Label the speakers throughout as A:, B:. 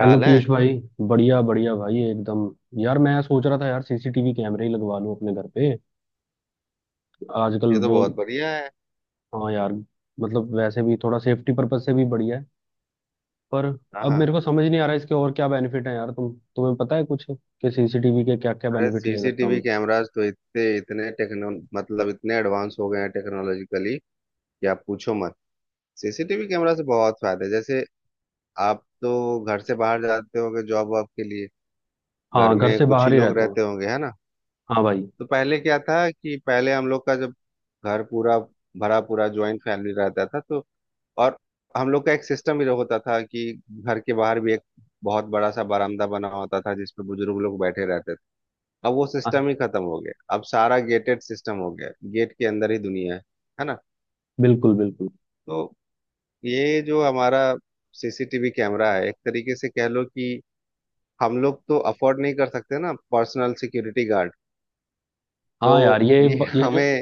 A: Hello
B: है।
A: पीयूष भाई। बढ़िया बढ़िया भाई एकदम। यार मैं सोच रहा था यार, सीसीटीवी कैमरे ही लगवा लूं अपने घर पे। आजकल
B: ये तो
A: बोल।
B: बहुत बढ़िया है।
A: हाँ यार। मतलब वैसे भी थोड़ा सेफ्टी पर्पज से भी बढ़िया है। पर
B: हाँ,
A: अब
B: हाँ।
A: मेरे को समझ नहीं आ रहा इसके और क्या बेनिफिट है यार, तुम्हें पता है कुछ कि सीसीटीवी के क्या क्या
B: अरे
A: बेनिफिट ले सकता
B: सीसीटीवी
A: हूँ।
B: कैमरास तो इतने इतने टेक्नो मतलब इतने एडवांस हो गए हैं टेक्नोलॉजिकली कि आप पूछो मत। सीसीटीवी कैमरा से बहुत फायदा है, जैसे आप तो घर से बाहर जाते होंगे जॉब वॉब के लिए। घर
A: हाँ, घर
B: में
A: से
B: कुछ ही
A: बाहर ही
B: लोग
A: रहता हूँ।
B: रहते होंगे, है ना?
A: हाँ भाई।
B: तो पहले क्या था कि पहले हम लोग का जब घर पूरा भरा पूरा ज्वाइंट फैमिली रहता था, तो और हम लोग का एक सिस्टम भी होता था कि घर के बाहर भी एक बहुत बड़ा सा बरामदा बना होता था जिसपे बुजुर्ग लोग बैठे रहते थे। अब वो
A: हाँ।
B: सिस्टम ही खत्म हो गया, अब सारा गेटेड सिस्टम हो गया, गेट के अंदर ही दुनिया है ना?
A: बिल्कुल बिल्कुल।
B: तो ये जो हमारा सीसीटीवी कैमरा है, एक तरीके से कह लो कि हम लोग तो अफोर्ड नहीं कर सकते ना पर्सनल सिक्योरिटी गार्ड,
A: हाँ यार,
B: तो ये हमें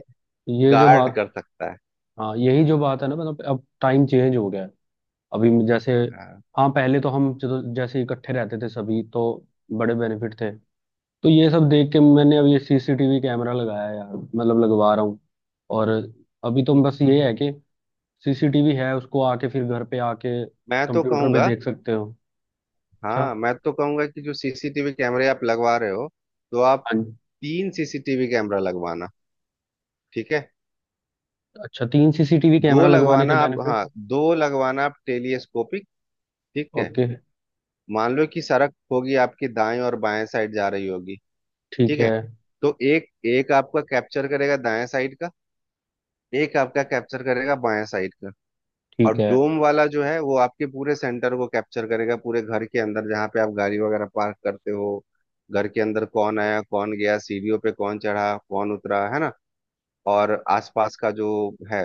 A: ये जो
B: गार्ड
A: बात।
B: कर सकता है।
A: हाँ, यही जो बात है ना, मतलब अब टाइम चेंज हो गया है। जैसे,
B: हाँ।
A: हाँ पहले तो हम जैसे इकट्ठे रहते थे सभी तो बड़े बेनिफिट थे। तो ये सब देख के मैंने अब ये सीसीटीवी कैमरा लगाया यार, मतलब लगवा रहा हूँ। और अभी तो बस ये है कि सीसीटीवी है, उसको आके फिर घर पे आके
B: मैं तो
A: कंप्यूटर पे
B: कहूंगा,
A: देख सकते हो। अच्छा।
B: हाँ, मैं तो कहूंगा कि जो सीसीटीवी कैमरे आप लगवा रहे हो, तो आप
A: हाँ जी।
B: तीन सीसीटीवी कैमरा लगवाना। ठीक है।
A: अच्छा, तीन सीसीटीवी
B: दो
A: कैमरा लगवाने के
B: लगवाना आप, हाँ,
A: बेनिफिट।
B: दो लगवाना आप टेलीस्कोपिक। ठीक है।
A: ओके।
B: मान लो कि सड़क होगी आपकी, दाएं और बाएं साइड जा रही होगी।
A: ठीक
B: ठीक
A: है।
B: है। तो एक एक आपका कैप्चर करेगा दाएं साइड का, एक आपका कैप्चर करेगा बाएं साइड का। और
A: ठीक है।
B: डोम वाला जो है वो आपके पूरे सेंटर को कैप्चर करेगा, पूरे घर के अंदर जहाँ पे आप गाड़ी वगैरह पार्क करते हो। घर के अंदर कौन आया, कौन गया, सीढ़ियों पे कौन चढ़ा, कौन उतरा, है ना? और आसपास का जो है।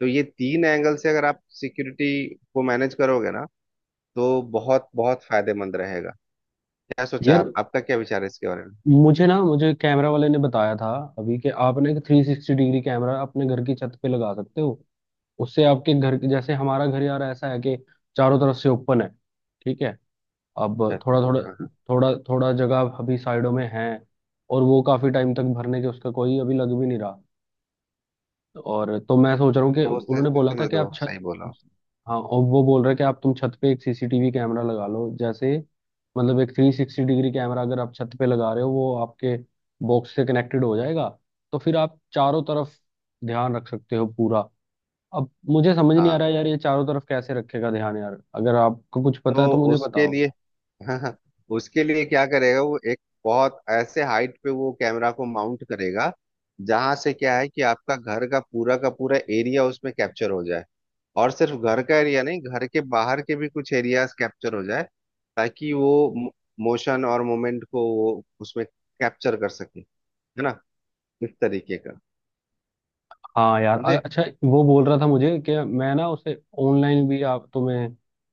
B: तो ये तीन एंगल से अगर आप सिक्योरिटी को मैनेज करोगे ना, तो बहुत बहुत फायदेमंद रहेगा। क्या सोचा
A: यार
B: आप, आपका क्या विचार है इसके बारे में?
A: मुझे ना, मुझे कैमरा वाले ने बताया था अभी कि आप ना एक 360 डिग्री कैमरा अपने घर की छत पे लगा सकते हो। उससे आपके घर के, जैसे हमारा घर यार ऐसा है कि चारों तरफ से ओपन है। ठीक है। अब
B: अच्छा, अच्छा, अच्छा, हाँ, हाँ।
A: थोड़ा थोड़ा जगह अभी साइडों में है, और वो काफी टाइम तक भरने के उसका कोई अभी लग भी नहीं रहा। और तो मैं सोच रहा हूँ कि
B: तो उस
A: उन्होंने बोला
B: स्थिति
A: था
B: में
A: कि
B: तो
A: आप छत,
B: सही बोला उसने।
A: हाँ और वो बोल रहे हैं कि आप तुम छत पे एक सीसीटीवी कैमरा लगा लो, जैसे मतलब एक 360 डिग्री कैमरा अगर आप छत पे लगा रहे हो वो आपके बॉक्स से कनेक्टेड हो जाएगा, तो फिर आप चारों तरफ ध्यान रख सकते हो पूरा। अब मुझे समझ नहीं आ
B: हाँ,
A: रहा है यार, ये चारों तरफ कैसे रखेगा ध्यान, यार अगर आपको कुछ पता है
B: तो
A: तो मुझे
B: उसके
A: बताओ।
B: लिए, हाँ, हाँ, उसके लिए क्या करेगा वो, एक बहुत ऐसे हाइट पे वो कैमरा को माउंट करेगा, जहां से क्या है कि आपका घर का पूरा एरिया उसमें कैप्चर हो जाए। और सिर्फ घर का एरिया नहीं, घर के बाहर के भी कुछ एरियाज कैप्चर हो जाए, ताकि वो मोशन और मोमेंट को वो उसमें कैप्चर कर सके, है ना, इस तरीके का।
A: हाँ यार,
B: समझे?
A: अच्छा। वो बोल रहा था मुझे कि मैं ना उसे ऑनलाइन भी आप तुम्हें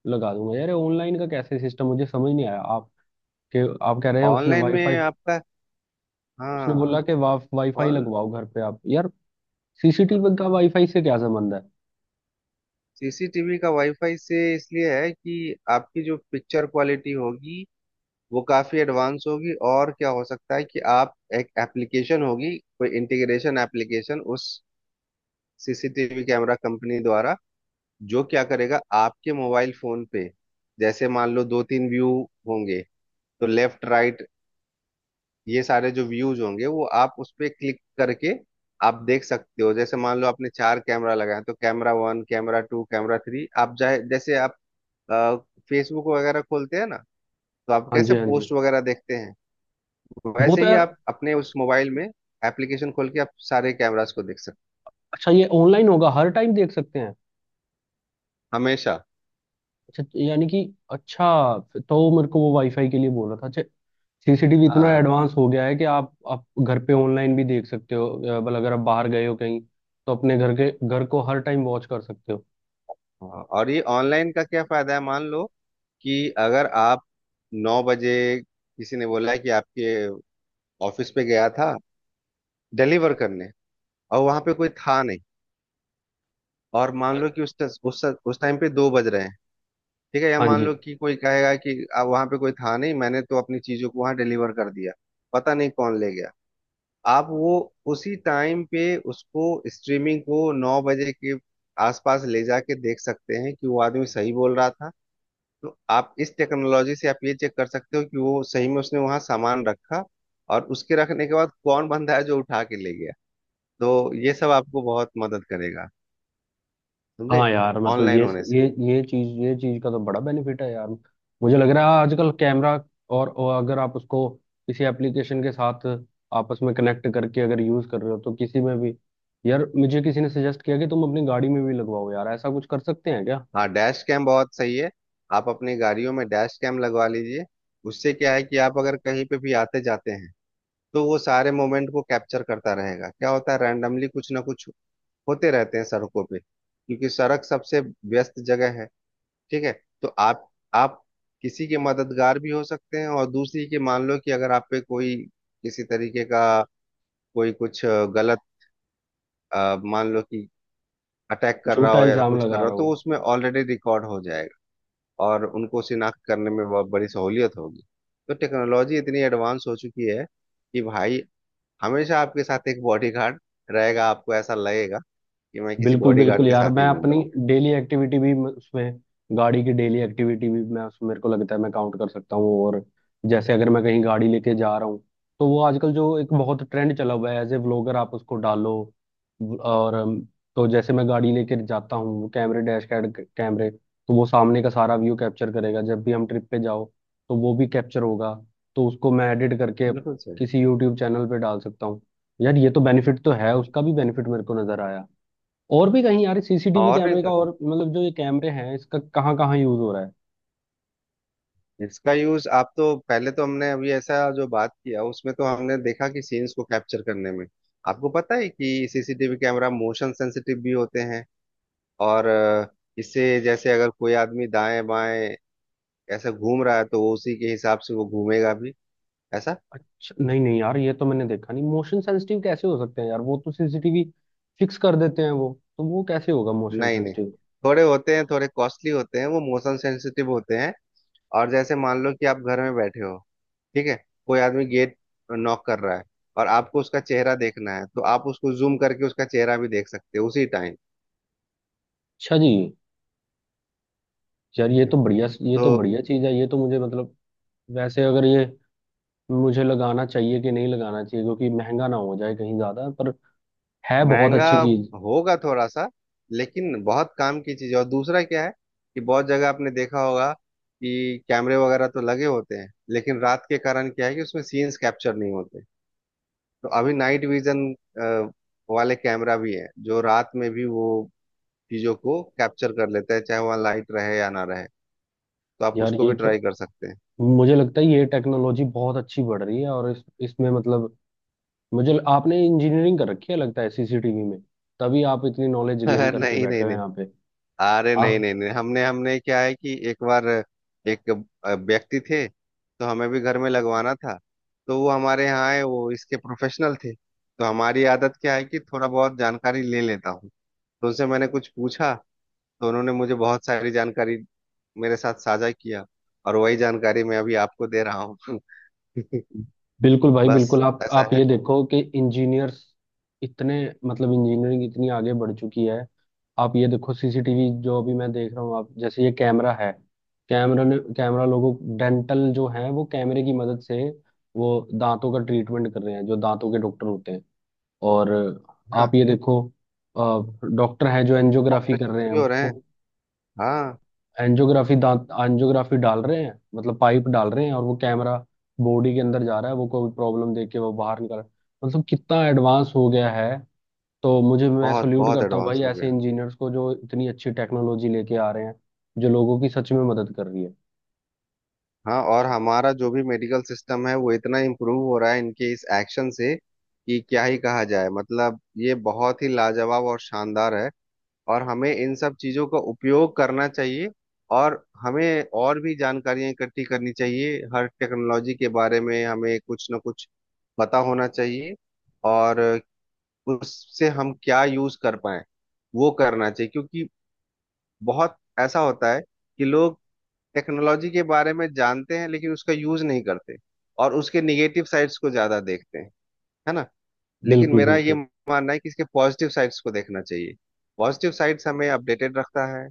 A: लगा दूंगा यार, ऑनलाइन का कैसे सिस्टम मुझे समझ नहीं आया। के आप कह रहे हैं उसने
B: ऑनलाइन
A: वाईफाई।
B: में आपका,
A: उसने बोला
B: हाँ,
A: कि वाईफाई
B: और
A: लगवाओ घर पे आप, यार सीसीटीवी का वाईफाई से क्या संबंध है।
B: सीसीटीवी का वाईफाई से इसलिए है कि आपकी जो पिक्चर क्वालिटी होगी वो काफी एडवांस होगी। और क्या हो सकता है कि आप एक एप्लीकेशन होगी, कोई इंटीग्रेशन एप्लीकेशन उस सीसीटीवी कैमरा कंपनी द्वारा, जो क्या करेगा आपके मोबाइल फोन पे, जैसे मान लो दो तीन व्यू होंगे, तो लेफ्ट राइट, ये सारे जो व्यूज होंगे वो आप उस पे क्लिक करके आप देख सकते हो। जैसे मान लो आपने चार कैमरा लगाया, तो कैमरा 1, कैमरा 2, कैमरा 3, आप चाहे, जैसे आप फेसबुक वगैरह खोलते हैं ना, तो आप
A: हाँ जी,
B: कैसे
A: हाँ जी।
B: पोस्ट वगैरह देखते हैं,
A: वो
B: वैसे
A: तो
B: ही
A: यार,
B: आप अपने उस मोबाइल में एप्लीकेशन खोल के आप सारे कैमरास को देख सकते
A: अच्छा ये ऑनलाइन होगा, हर टाइम देख सकते हैं।
B: हो, हमेशा।
A: अच्छा यानी कि, अच्छा, तो मेरे को वो वाईफाई के लिए बोल रहा था, अच्छा। सीसीटीवी इतना
B: हाँ,
A: एडवांस हो गया है कि आप घर पे ऑनलाइन भी देख सकते हो, मतलब अगर आप बाहर गए हो कहीं तो अपने घर को हर टाइम वॉच कर सकते हो।
B: हाँ। और ये ऑनलाइन का क्या फायदा है, मान लो कि अगर आप 9 बजे, किसी ने बोला है कि आपके ऑफिस पे गया था डिलीवर करने, और वहां पे कोई था नहीं, और मान
A: हाँ।
B: लो कि उस ट- उस टाइम पे 2 बज रहे हैं। ठीक है, या
A: हाँ
B: मान
A: जी।
B: लो कि कोई कहेगा कि अब वहां पे कोई था नहीं, मैंने तो अपनी चीजों को वहां डिलीवर कर दिया, पता नहीं कौन ले गया। आप वो उसी टाइम पे उसको स्ट्रीमिंग को 9 बजे के आसपास ले जाके देख सकते हैं कि वो आदमी सही बोल रहा था। तो आप इस टेक्नोलॉजी से आप ये चेक कर सकते हो कि वो सही में उसने वहां सामान रखा, और उसके रखने के बाद कौन बंदा है जो उठा के ले गया। तो ये सब आपको बहुत मदद करेगा, समझे,
A: हाँ यार मतलब
B: ऑनलाइन
A: ये,
B: होने से।
A: ये चीज का तो बड़ा बेनिफिट है यार, मुझे लग रहा है आजकल कैमरा। और अगर आप उसको किसी एप्लीकेशन के साथ आपस में कनेक्ट करके अगर यूज कर रहे हो तो किसी में भी, यार मुझे किसी ने सजेस्ट किया कि तुम अपनी गाड़ी में भी लगवाओ यार, ऐसा कुछ कर सकते हैं क्या।
B: हाँ, डैश कैम बहुत सही है। आप अपनी गाड़ियों में डैश कैम लगवा लीजिए। उससे क्या है कि आप अगर कहीं पे भी आते जाते हैं, तो वो सारे मोमेंट को कैप्चर करता रहेगा। क्या होता है, रैंडमली कुछ ना कुछ होते रहते हैं सड़कों पे, क्योंकि सड़क सबसे व्यस्त जगह है। ठीक है। तो आप किसी के मददगार भी हो सकते हैं, और दूसरी के मान लो कि अगर आप पे कोई किसी तरीके का कोई कुछ गलत, मान लो कि अटैक कर रहा
A: झूठा
B: हो या
A: इल्जाम
B: कुछ कर
A: लगा
B: रहा
A: रहा
B: हो, तो
A: हूँ।
B: उसमें ऑलरेडी रिकॉर्ड हो जाएगा। और उनको शिनाख्त करने में बहुत बड़ी सहूलियत होगी। तो टेक्नोलॉजी इतनी एडवांस हो चुकी है कि भाई हमेशा आपके साथ एक बॉडीगार्ड रहेगा, आपको ऐसा लगेगा कि मैं किसी
A: बिल्कुल
B: बॉडीगार्ड
A: बिल्कुल
B: के
A: यार,
B: साथ
A: मैं
B: ही घूम रहा
A: अपनी
B: हूँ।
A: डेली एक्टिविटी भी उसमें गाड़ी की डेली एक्टिविटी भी मैं उसमें, मेरे को लगता है मैं काउंट कर सकता हूँ। और जैसे अगर मैं कहीं गाड़ी लेके जा रहा हूँ तो वो आजकल जो एक बहुत ट्रेंड चला हुआ है एज ए व्लॉगर, आप उसको डालो। और तो जैसे मैं गाड़ी लेके जाता हूँ कैमरे, डैश कैड कैमरे तो वो सामने का सारा व्यू कैप्चर करेगा, जब भी हम ट्रिप पे जाओ तो वो भी कैप्चर होगा, तो उसको मैं एडिट करके
B: बिल्कुल सही।
A: किसी यूट्यूब चैनल पे डाल सकता हूँ। यार ये तो बेनिफिट तो है, उसका
B: बिल्कुल
A: भी
B: सही।
A: बेनिफिट मेरे को नजर आया। और भी कहीं यार सीसीटीवी
B: और नहीं
A: कैमरे का,
B: तो क्या,
A: और मतलब जो ये कैमरे हैं इसका कहाँ कहाँ यूज हो रहा है।
B: इसका यूज आप, तो पहले तो हमने अभी ऐसा जो बात किया उसमें तो हमने देखा कि सीन्स को कैप्चर करने में, आपको पता है कि सीसीटीवी कैमरा मोशन सेंसिटिव भी होते हैं, और इससे, जैसे अगर कोई आदमी दाएं बाएं ऐसा घूम रहा है तो वो उसी के हिसाब से वो घूमेगा भी, ऐसा।
A: अच्छा नहीं नहीं यार, ये तो मैंने देखा नहीं, मोशन सेंसिटिव कैसे हो सकते हैं यार, वो तो सीसीटीवी फिक्स कर देते हैं वो, तो वो कैसे होगा मोशन
B: नहीं, नहीं,
A: सेंसिटिव।
B: थोड़े कॉस्टली होते हैं, वो मोशन सेंसिटिव होते हैं। और जैसे मान लो कि आप घर में बैठे हो। ठीक है। कोई आदमी गेट नॉक कर रहा है, और आपको उसका चेहरा देखना है, तो आप उसको जूम करके उसका चेहरा भी देख सकते हो उसी टाइम।
A: अच्छा जी। यार, ये
B: तो
A: तो बढ़िया चीज है, ये तो मुझे मतलब, वैसे अगर ये मुझे लगाना चाहिए कि नहीं लगाना चाहिए क्योंकि महंगा ना हो जाए कहीं ज्यादा, पर है बहुत
B: महंगा
A: अच्छी चीज।
B: होगा थोड़ा सा, लेकिन बहुत काम की चीज है। और दूसरा क्या है कि बहुत जगह आपने देखा होगा कि कैमरे वगैरह तो लगे होते हैं, लेकिन रात के कारण क्या है कि उसमें सीन्स कैप्चर नहीं होते। तो अभी नाइट विजन वाले कैमरा भी है जो रात में भी वो चीजों को कैप्चर कर लेता है, चाहे वहाँ लाइट रहे या ना रहे। तो आप
A: यार
B: उसको भी
A: ये तो
B: ट्राई कर सकते
A: मुझे लगता है ये टेक्नोलॉजी बहुत अच्छी बढ़ रही है, और इस इसमें मतलब, मुझे आपने इंजीनियरिंग कर रखी है लगता है सीसीटीवी में, तभी आप इतनी नॉलेज
B: हैं।
A: गेन करके
B: नहीं, नहीं,
A: बैठे हो
B: नहीं,
A: यहाँ पे।
B: अरे नहीं,
A: हाँ
B: नहीं, नहीं, हमने हमने क्या है कि एक बार एक व्यक्ति थे, तो हमें भी घर में लगवाना था, तो वो हमारे यहाँ आए। वो इसके प्रोफेशनल थे, तो हमारी आदत क्या है कि थोड़ा बहुत जानकारी ले लेता हूँ, तो उनसे मैंने कुछ पूछा, तो उन्होंने मुझे बहुत सारी जानकारी मेरे साथ साझा किया, और वही जानकारी मैं अभी आपको दे रहा हूँ।
A: बिल्कुल भाई
B: बस,
A: बिल्कुल, आप
B: ऐसा
A: आप ये
B: है।
A: देखो कि इंजीनियर्स इतने, मतलब इंजीनियरिंग इतनी आगे बढ़ चुकी है। आप ये देखो सीसीटीवी जो अभी मैं देख रहा हूँ, आप जैसे ये कैमरा है, कैमरा ने कैमरा लोगों डेंटल जो है वो कैमरे की मदद से वो दांतों का ट्रीटमेंट कर रहे हैं, जो दांतों के डॉक्टर होते हैं। और आप
B: हाँ।
A: ये देखो, डॉक्टर हैं जो एंजियोग्राफी कर
B: ऑपरेशन
A: रहे हैं,
B: भी हो रहे
A: वो
B: हैं। हाँ,
A: एंजियोग्राफी दांत एंजियोग्राफी डाल रहे हैं, मतलब पाइप डाल रहे हैं, और वो कैमरा बॉडी के अंदर जा रहा है वो कोई प्रॉब्लम देख के वो बाहर निकल रहा है। मतलब कितना एडवांस हो गया है। तो मुझे मैं
B: बहुत
A: सल्यूट
B: बहुत
A: करता हूँ
B: एडवांस
A: भाई
B: हो
A: ऐसे
B: गया।
A: इंजीनियर्स को जो इतनी अच्छी टेक्नोलॉजी लेके आ रहे हैं, जो लोगों की सच में मदद कर रही है।
B: हाँ, और हमारा जो भी मेडिकल सिस्टम है वो इतना इम्प्रूव हो रहा है इनके इस एक्शन से कि क्या ही कहा जाए, मतलब ये बहुत ही लाजवाब और शानदार है। और हमें इन सब चीजों का उपयोग करना चाहिए, और हमें और भी जानकारियां इकट्ठी करनी चाहिए। हर टेक्नोलॉजी के बारे में हमें कुछ ना कुछ पता होना चाहिए, और उससे हम क्या यूज कर पाए वो करना चाहिए। क्योंकि बहुत ऐसा होता है कि लोग टेक्नोलॉजी के बारे में जानते हैं लेकिन उसका यूज नहीं करते, और उसके निगेटिव साइड्स को ज्यादा देखते हैं, है ना? लेकिन
A: बिल्कुल
B: मेरा ये
A: बिल्कुल।
B: मानना है कि इसके पॉजिटिव साइड्स को देखना चाहिए। पॉजिटिव साइड्स हमें अपडेटेड रखता है,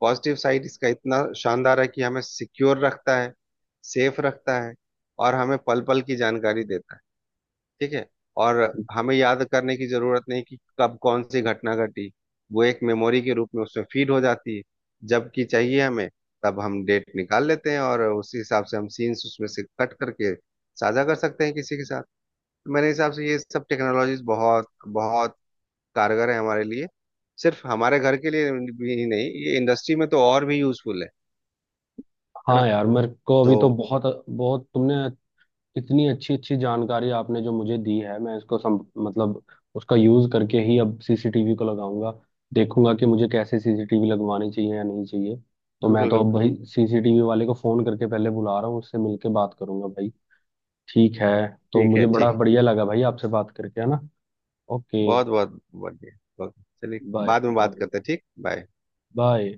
B: पॉजिटिव साइड इसका इतना शानदार है कि हमें सिक्योर रखता है, सेफ रखता है, और हमें पल पल की जानकारी देता है। ठीक है। और हमें याद करने की जरूरत नहीं कि कब कौन सी घटना घटी, वो एक मेमोरी के रूप में उसमें फीड हो जाती है। जबकि चाहिए हमें, तब हम डेट निकाल लेते हैं, और उसी हिसाब से हम सीन्स उसमें से कट करके साझा कर सकते हैं किसी के साथ। तो मेरे हिसाब से ये सब टेक्नोलॉजीज बहुत बहुत कारगर है हमारे लिए, सिर्फ हमारे घर के लिए भी नहीं, ये इंडस्ट्री में तो और भी यूजफुल है ना?
A: हाँ यार, मेरे को
B: तो
A: अभी तो बहुत बहुत तुमने इतनी अच्छी अच्छी जानकारी आपने जो मुझे दी है, मैं इसको मतलब उसका यूज करके ही अब सीसीटीवी को लगाऊंगा। देखूंगा कि मुझे कैसे सीसीटीवी लगवानी चाहिए या नहीं चाहिए। तो मैं
B: बिल्कुल,
A: तो अब
B: बिल्कुल,
A: भाई सीसीटीवी वाले को फोन करके पहले बुला रहा हूँ, उससे मिलके बात करूंगा भाई। ठीक है। तो
B: ठीक
A: मुझे
B: है,
A: बड़ा
B: ठीक,
A: बढ़िया लगा भाई आपसे बात करके, है ना। ओके।
B: बहुत बहुत बढ़िया, बहुत-, चलिए,
A: बाय
B: बाद में
A: बाय
B: बात करते हैं, ठीक, बाय।
A: बाय।